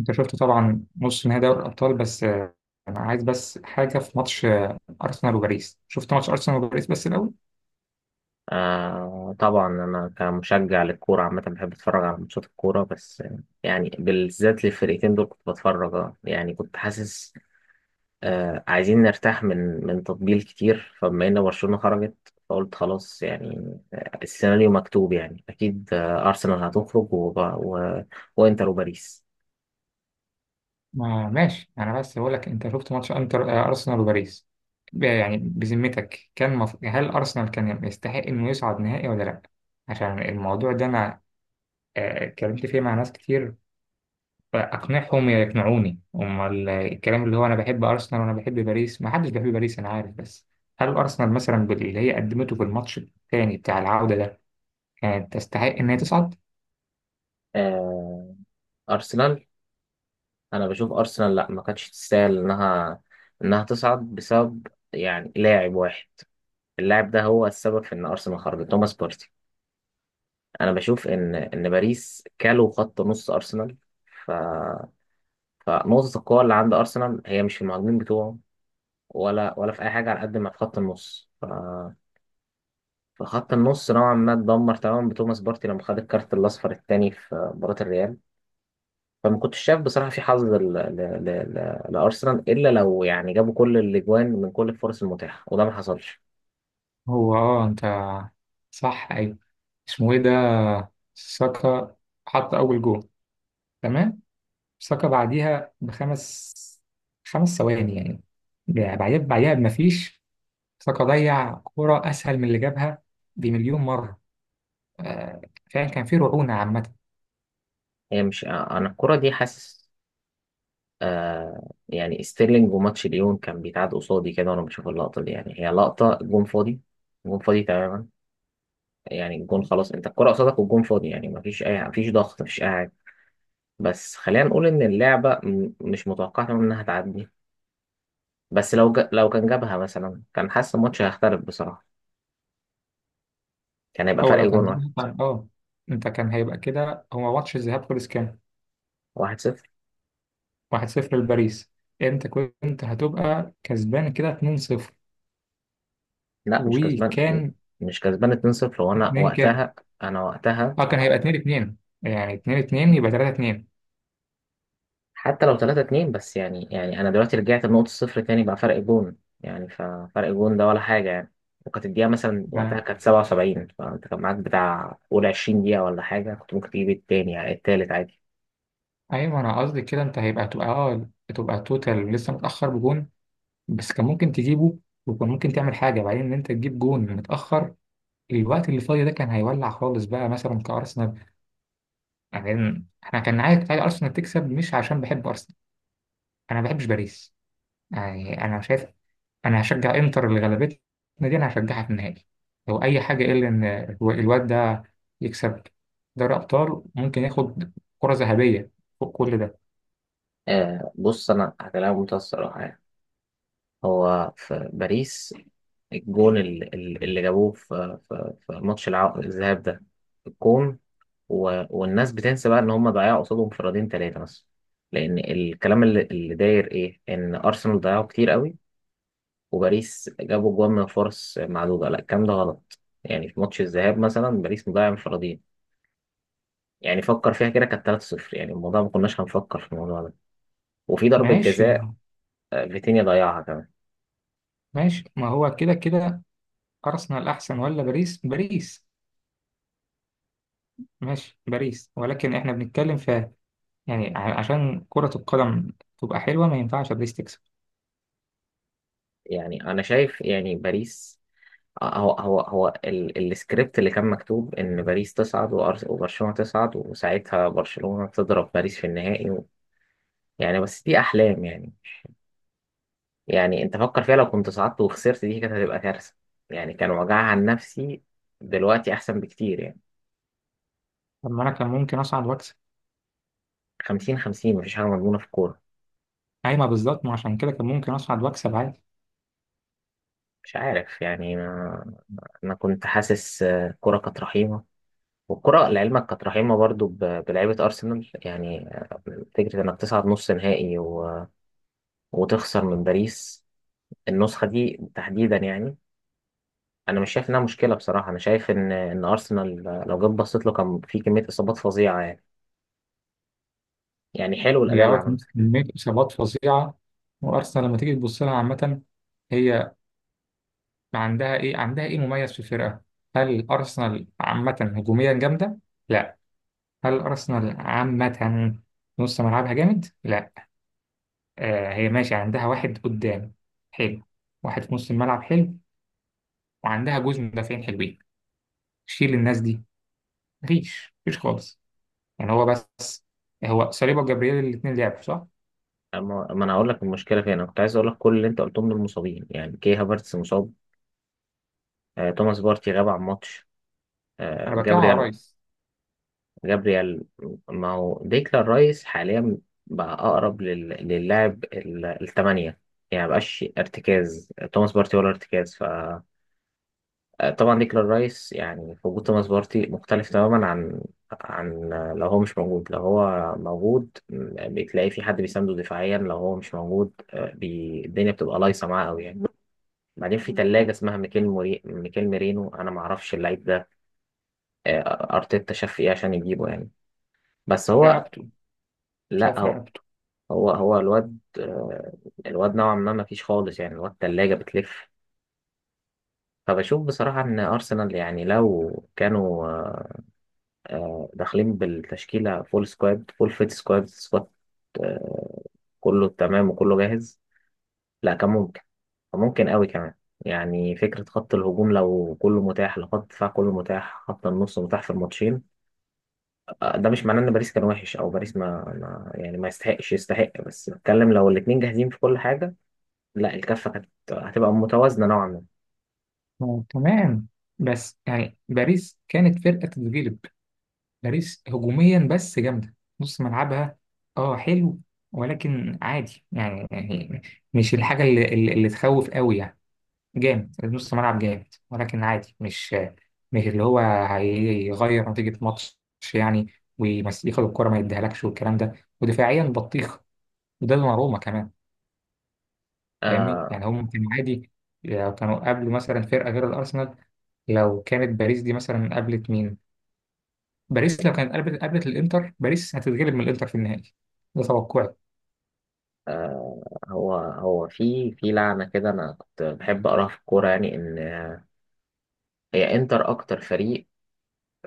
انت شفت طبعا نص نهائي دوري الابطال بس آه، انا عايز بس حاجه في ماتش ارسنال وباريس شفت ماتش ارسنال وباريس بس الاول. آه، طبعا أنا كمشجع للكورة عامة بحب أتفرج على ماتشات الكورة، بس يعني بالذات للفرقتين دول كنت بتفرج. يعني كنت حاسس عايزين نرتاح من تطبيل كتير، فبما إن برشلونة خرجت فقلت خلاص يعني، السيناريو مكتوب يعني، أكيد أرسنال هتخرج وإنتر وباريس. ما ماشي انا بس بقول لك انت شفت ماتش انتر ارسنال وباريس. يعني بذمتك هل ارسنال كان يستحق انه يصعد نهائي ولا لا؟ عشان الموضوع ده انا اتكلمت فيه مع ناس كتير. اقنعهم يقنعوني. امال الكلام اللي هو انا بحب ارسنال وانا بحب باريس، ما حدش بيحب باريس انا عارف، بس هل ارسنال مثلا باللي هي قدمته في الماتش الثاني بتاع العودة ده كانت تستحق إن هي تصعد؟ آه أرسنال أنا بشوف أرسنال، لأ، ما كانتش تستاهل إنها تصعد بسبب يعني لاعب واحد. اللاعب ده هو السبب في ان ارسنال خرجت، توماس بارتي. انا بشوف ان باريس كالوا خط نص ارسنال، ف فنقطة القوة اللي عند ارسنال هي مش في المهاجمين بتوعه ولا في اي حاجة، على قد ما في خط النص. فخط النص نوعا ما اتدمر تماما بتوماس بارتي لما خد الكارت الاصفر الثاني في مباراة الريال. فما كنتش شايف بصراحة في حظ لارسنال الا لو يعني جابوا كل الاجوان من كل الفرص المتاحة، وده ما حصلش. هو اه أنت صح، أيوة. اسمه إيه ده؟ ساكا حط أول جول، تمام. ساكا بعديها بخمس، خمس ثواني يعني. بعديها بمفيش، ساكا ضيع كرة أسهل من اللي جابها بمليون مرة. آه، فعلا كان في رعونة عامة. هي مش انا الكرة دي حاسس، يعني ستيرلينج وماتش ليون كان بيتعاد قصادي كده وانا بشوف اللقطه دي، يعني هي لقطه جون فاضي، جون فاضي تماما. يعني الجون خلاص، انت الكره قصادك والجون فاضي، يعني مفيش ضغط، مفيش اي حاجه. بس خلينا نقول ان اللعبه مش متوقعه تماما انها تعدي. بس لو كان جابها مثلا، كان حاسس الماتش هيختلف بصراحه، كان هيبقى هو فرق لو كان جون واحد. جابها كان اه أنت كان هيبقى كده. هو ماتش الذهاب خلص كام؟ 1-0. 1-0 لباريس. أنت كنت هتبقى كسبان كده 2-0 لا مش كسبان، وكان. مش كسبان، 2-0. وانا اتنين كام؟ وقتها انا وقتها اه كان هيبقى اتنين اتنين، يعني اتنين اتنين يبقى تلاتة اتنين. حتى لو 3-2. بس يعني انا دلوقتي رجعت لنقطة الصفر تاني بقى فرق جون، يعني ففرق جون ده ولا حاجة يعني. وكانت الدقيقة مثلا وقتها ما كانت 77، فانت كان معاك بتاع قول 20 دقيقة ولا حاجة، كنت ممكن تجيب التاني، يعني التالت عادي. ايوه انا قصدي كده، انت هيبقى تبقى اه تبقى توتال لسه متأخر بجون، بس كان ممكن تجيبه. وكان ممكن تعمل حاجة بعدين، ان انت تجيب جون متأخر، الوقت اللي فاضي ده كان هيولع خالص بقى مثلا كأرسنال. يعني احنا كان عايز ارسنال تكسب، مش عشان بحب ارسنال. انا ما بحبش باريس، يعني انا شايف. انا هشجع انتر اللي غلبتنا، دي انا هشجعها في النهائي لو اي حاجه، الا ان الواد ده يكسب دوري ابطال، ممكن ياخد كره ذهبيه فوق كل ده. بص، انا هكلمك بمنتهى الصراحة يعني. هو في باريس، الجون اللي جابوه في ماتش الذهاب ده، الجون والناس بتنسى بقى ان هم ضيعوا قصادهم انفرادين ثلاثه مثلا. لان الكلام اللي داير ايه، ان ارسنال ضيعوا كتير قوي وباريس جابوا جوان من فرص معدوده. لا، الكلام ده غلط، يعني في ماتش الذهاب مثلا باريس مضيع انفرادين، يعني فكر فيها كده، كانت 3-0، يعني الموضوع ما كناش هنفكر في الموضوع ده. وفي ضربه ماشي، ما جزاء، هو- فيتينيا ضيعها كمان. ماشي ما هو كده كده. ارسنال احسن ولا باريس؟ باريس، ماشي باريس، ولكن احنا بنتكلم في يعني عشان كره القدم تبقى حلوه، ما ينفعش باريس تكسب. يعني انا شايف يعني باريس. السكريبت اللي كان مكتوب ان باريس تصعد وبرشلونه تصعد، وساعتها برشلونه تضرب باريس في النهائي. يعني بس دي احلام يعني. يعني انت فكر فيها لو كنت صعدت وخسرت، دي كانت هتبقى كارثه يعني، كان وجعها عن نفسي. دلوقتي احسن بكتير يعني. طب ما انا كان ممكن اصعد واكسب. 50/50، مفيش حاجه مضمونه في الكوره. ايوه بالظبط، ما عشان كده كان ممكن اصعد واكسب عادي. مش عارف يعني ما... انا كنت حاسس، الكوره كانت رحيمه. والكوره لعلمك كانت رحيمه برضو بلعيبه ارسنال، يعني فكره انك تصعد نص نهائي وتخسر من باريس النسخه دي تحديدا يعني. انا مش شايف انها مشكله بصراحه. انا شايف ان ارسنال لو جيت بصيت له، كان في كميه اصابات فظيعه يعني. يعني حلو الاداء هي اللي اه عمله. كانت كمية إصابات فظيعة. وأرسنال لما تيجي تبص لها عامة، هي عندها إيه مميز في الفرقة؟ هل أرسنال عامة هجوميا جامدة؟ لا. هل أرسنال عامة نص ملعبها جامد؟ لا. آه، هي ماشي عندها واحد قدام حلو، واحد في نص الملعب حلو، وعندها جوز مدافعين حلوين. شيل الناس دي، مفيش خالص. يعني هو بس، هو صليبا وجبريل الاتنين لعبوا صح؟ أما- ما انا هقول لك المشكله فين. انا كنت عايز اقول لك كل اللي انت قلتهم دول مصابين، يعني كي هافرتس مصاب، توماس بارتي غاب عن ماتش، آه، أنا بتكلم على جابريال رايس. جابريال. ما هو ديكلان رايس حاليا بقى اقرب للاعب الثمانيه، يعني مبقاش ارتكاز توماس بارتي ولا ارتكاز. طبعا ديكلان رايس يعني في وجود توماس بارتي مختلف تماما عن لو هو مش موجود. لو هو موجود، بتلاقي في حد بيسانده دفاعيا. لو هو مش موجود، الدنيا بتبقى لايصه معاه قوي يعني. بعدين في تلاجة اسمها ميكيل ميرينو، انا ما اعرفش اللعيب ده، ارتيتا شاف ايه عشان يجيبه يعني. بس هو رقبته. لا، شاف هو رقبته. هو هو الواد، الواد نوعا ما ما فيش خالص يعني، الواد تلاجة بتلف. فبشوف بصراحة ان ارسنال يعني لو كانوا، داخلين بالتشكيلة، فول فيت سكواد، آه، كله تمام وكله جاهز، لا كان ممكن. كان ممكن قوي كمان. يعني فكرة خط الهجوم لو كله متاح، لو خط الدفاع كله متاح، خط النص متاح في الماتشين. ده مش معناه ان باريس كان وحش او باريس ما يعني ما يستحقش يستحق، بس بتكلم لو الاتنين جاهزين في كل حاجة، لا الكفة كانت هتبقى متوازنة نوعا ما. آه، تمام. بس يعني باريس كانت فرقة تتغلب. باريس هجوميا بس جامدة، نص ملعبها اه حلو، ولكن عادي، يعني يعني مش الحاجة اللي تخوف قوي يعني. جامد، نص ملعب جامد، ولكن عادي، مش مش اللي هو هيغير نتيجة ماتش يعني، وياخد الكرة ما يديهالكش والكلام ده. ودفاعيا بطيخ، وده دوناروما كمان. فاهمني؟ آه يعني هم كانوا عادي، يعني كانوا قبل مثلا فرقة غير الأرسنال. لو كانت باريس دي مثلا قابلت مين؟ باريس لو كانت قابلت الانتر، باريس هتتغلب من الانتر في النهائي، ده توقعي. هو في لعنة كده انا كنت بحب اقراها في الكورة، يعني ان هي انتر اكتر فريق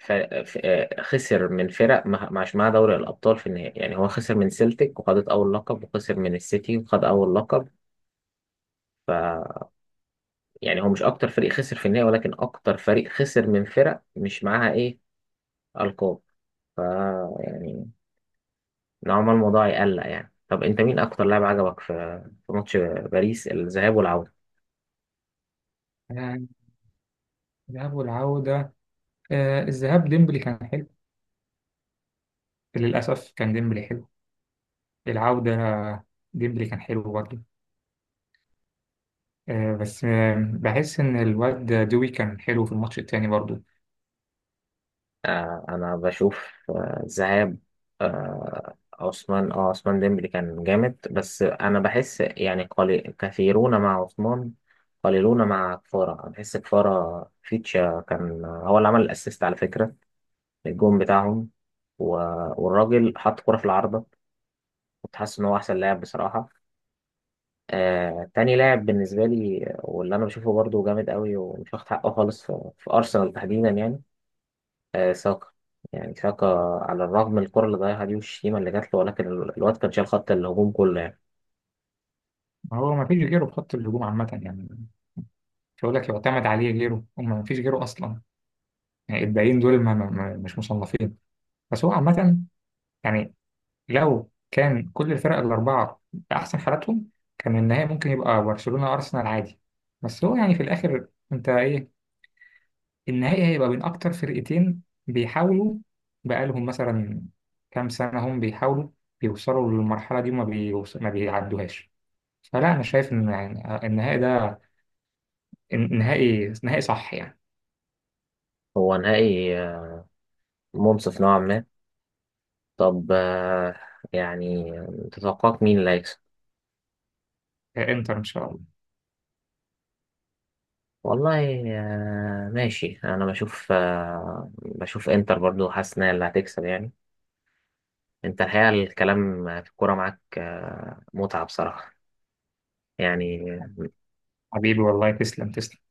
ف... خسر من فرق ما معش معاها دوري الأبطال في النهائي. يعني هو خسر من سيلتيك وخدت أول لقب، وخسر من السيتي وخد أول لقب. ف يعني هو مش أكتر فريق خسر في النهائي، ولكن أكتر فريق خسر من فرق مش معاها إيه، ألقاب. ف يعني نوعا ما الموضوع يقلق يعني. طب أنت مين أكتر لاعب عجبك في ماتش باريس الذهاب والعودة؟ آه، الذهاب والعودة. آه، الذهاب ديمبلي كان حلو، للأسف كان ديمبلي حلو. العودة ديمبلي كان حلو برضه. آه، بس آه، بحس إن الواد دوي كان حلو في الماتش التاني برضه. انا بشوف، ذهاب، عثمان ديمبلي كان جامد. بس انا بحس يعني، كثيرون مع عثمان، قليلون مع كفارة. أنا بحس كفارة فيتشا كان هو اللي عمل الاسيست على فكرة، الجون بتاعهم، و- والراجل حط كرة في العارضة، كنت حاسس ان هو احسن لاعب بصراحة. تاني لاعب بالنسبة لي واللي انا بشوفه برضو جامد قوي ومش واخد حقه خالص في ارسنال تحديدا، يعني ساكا. يعني ساكا على الرغم من الكرة اللي ضيعها دي والشتيمة اللي جات له، ولكن الواد كان شايل خط الهجوم كله يعني. ما هو ما فيش غيره في خط الهجوم عامة يعني، مش هقول لك يعتمد عليه غيره، هم ما فيش غيره أصلا. يعني الباقيين دول مش مصنفين. بس هو عامة يعني، لو كان كل الفرق الأربعة بأحسن حالاتهم، كان النهائي ممكن يبقى برشلونة أرسنال عادي. بس هو يعني في الآخر أنت إيه، النهائي هيبقى بين أكتر فرقتين بيحاولوا بقالهم مثلا كام سنة هم بيحاولوا بيوصلوا للمرحلة دي ما بيعدوهاش. فلا أنا شايف إن يعني النهائي ده النهائي نهائي صح يعني. هو نهائي، منصف نوعا ما. طب، يعني، تتوقعك مين اللي هيكسب؟ إنتر إن شاء الله. والله ماشي، أنا بشوف، بشوف إنتر برضو، حاسس إن هي اللي هتكسب يعني. أنت الحقيقة الكلام في الكورة معاك متعة بصراحة يعني. حبيبي والله، تسلم تسلم.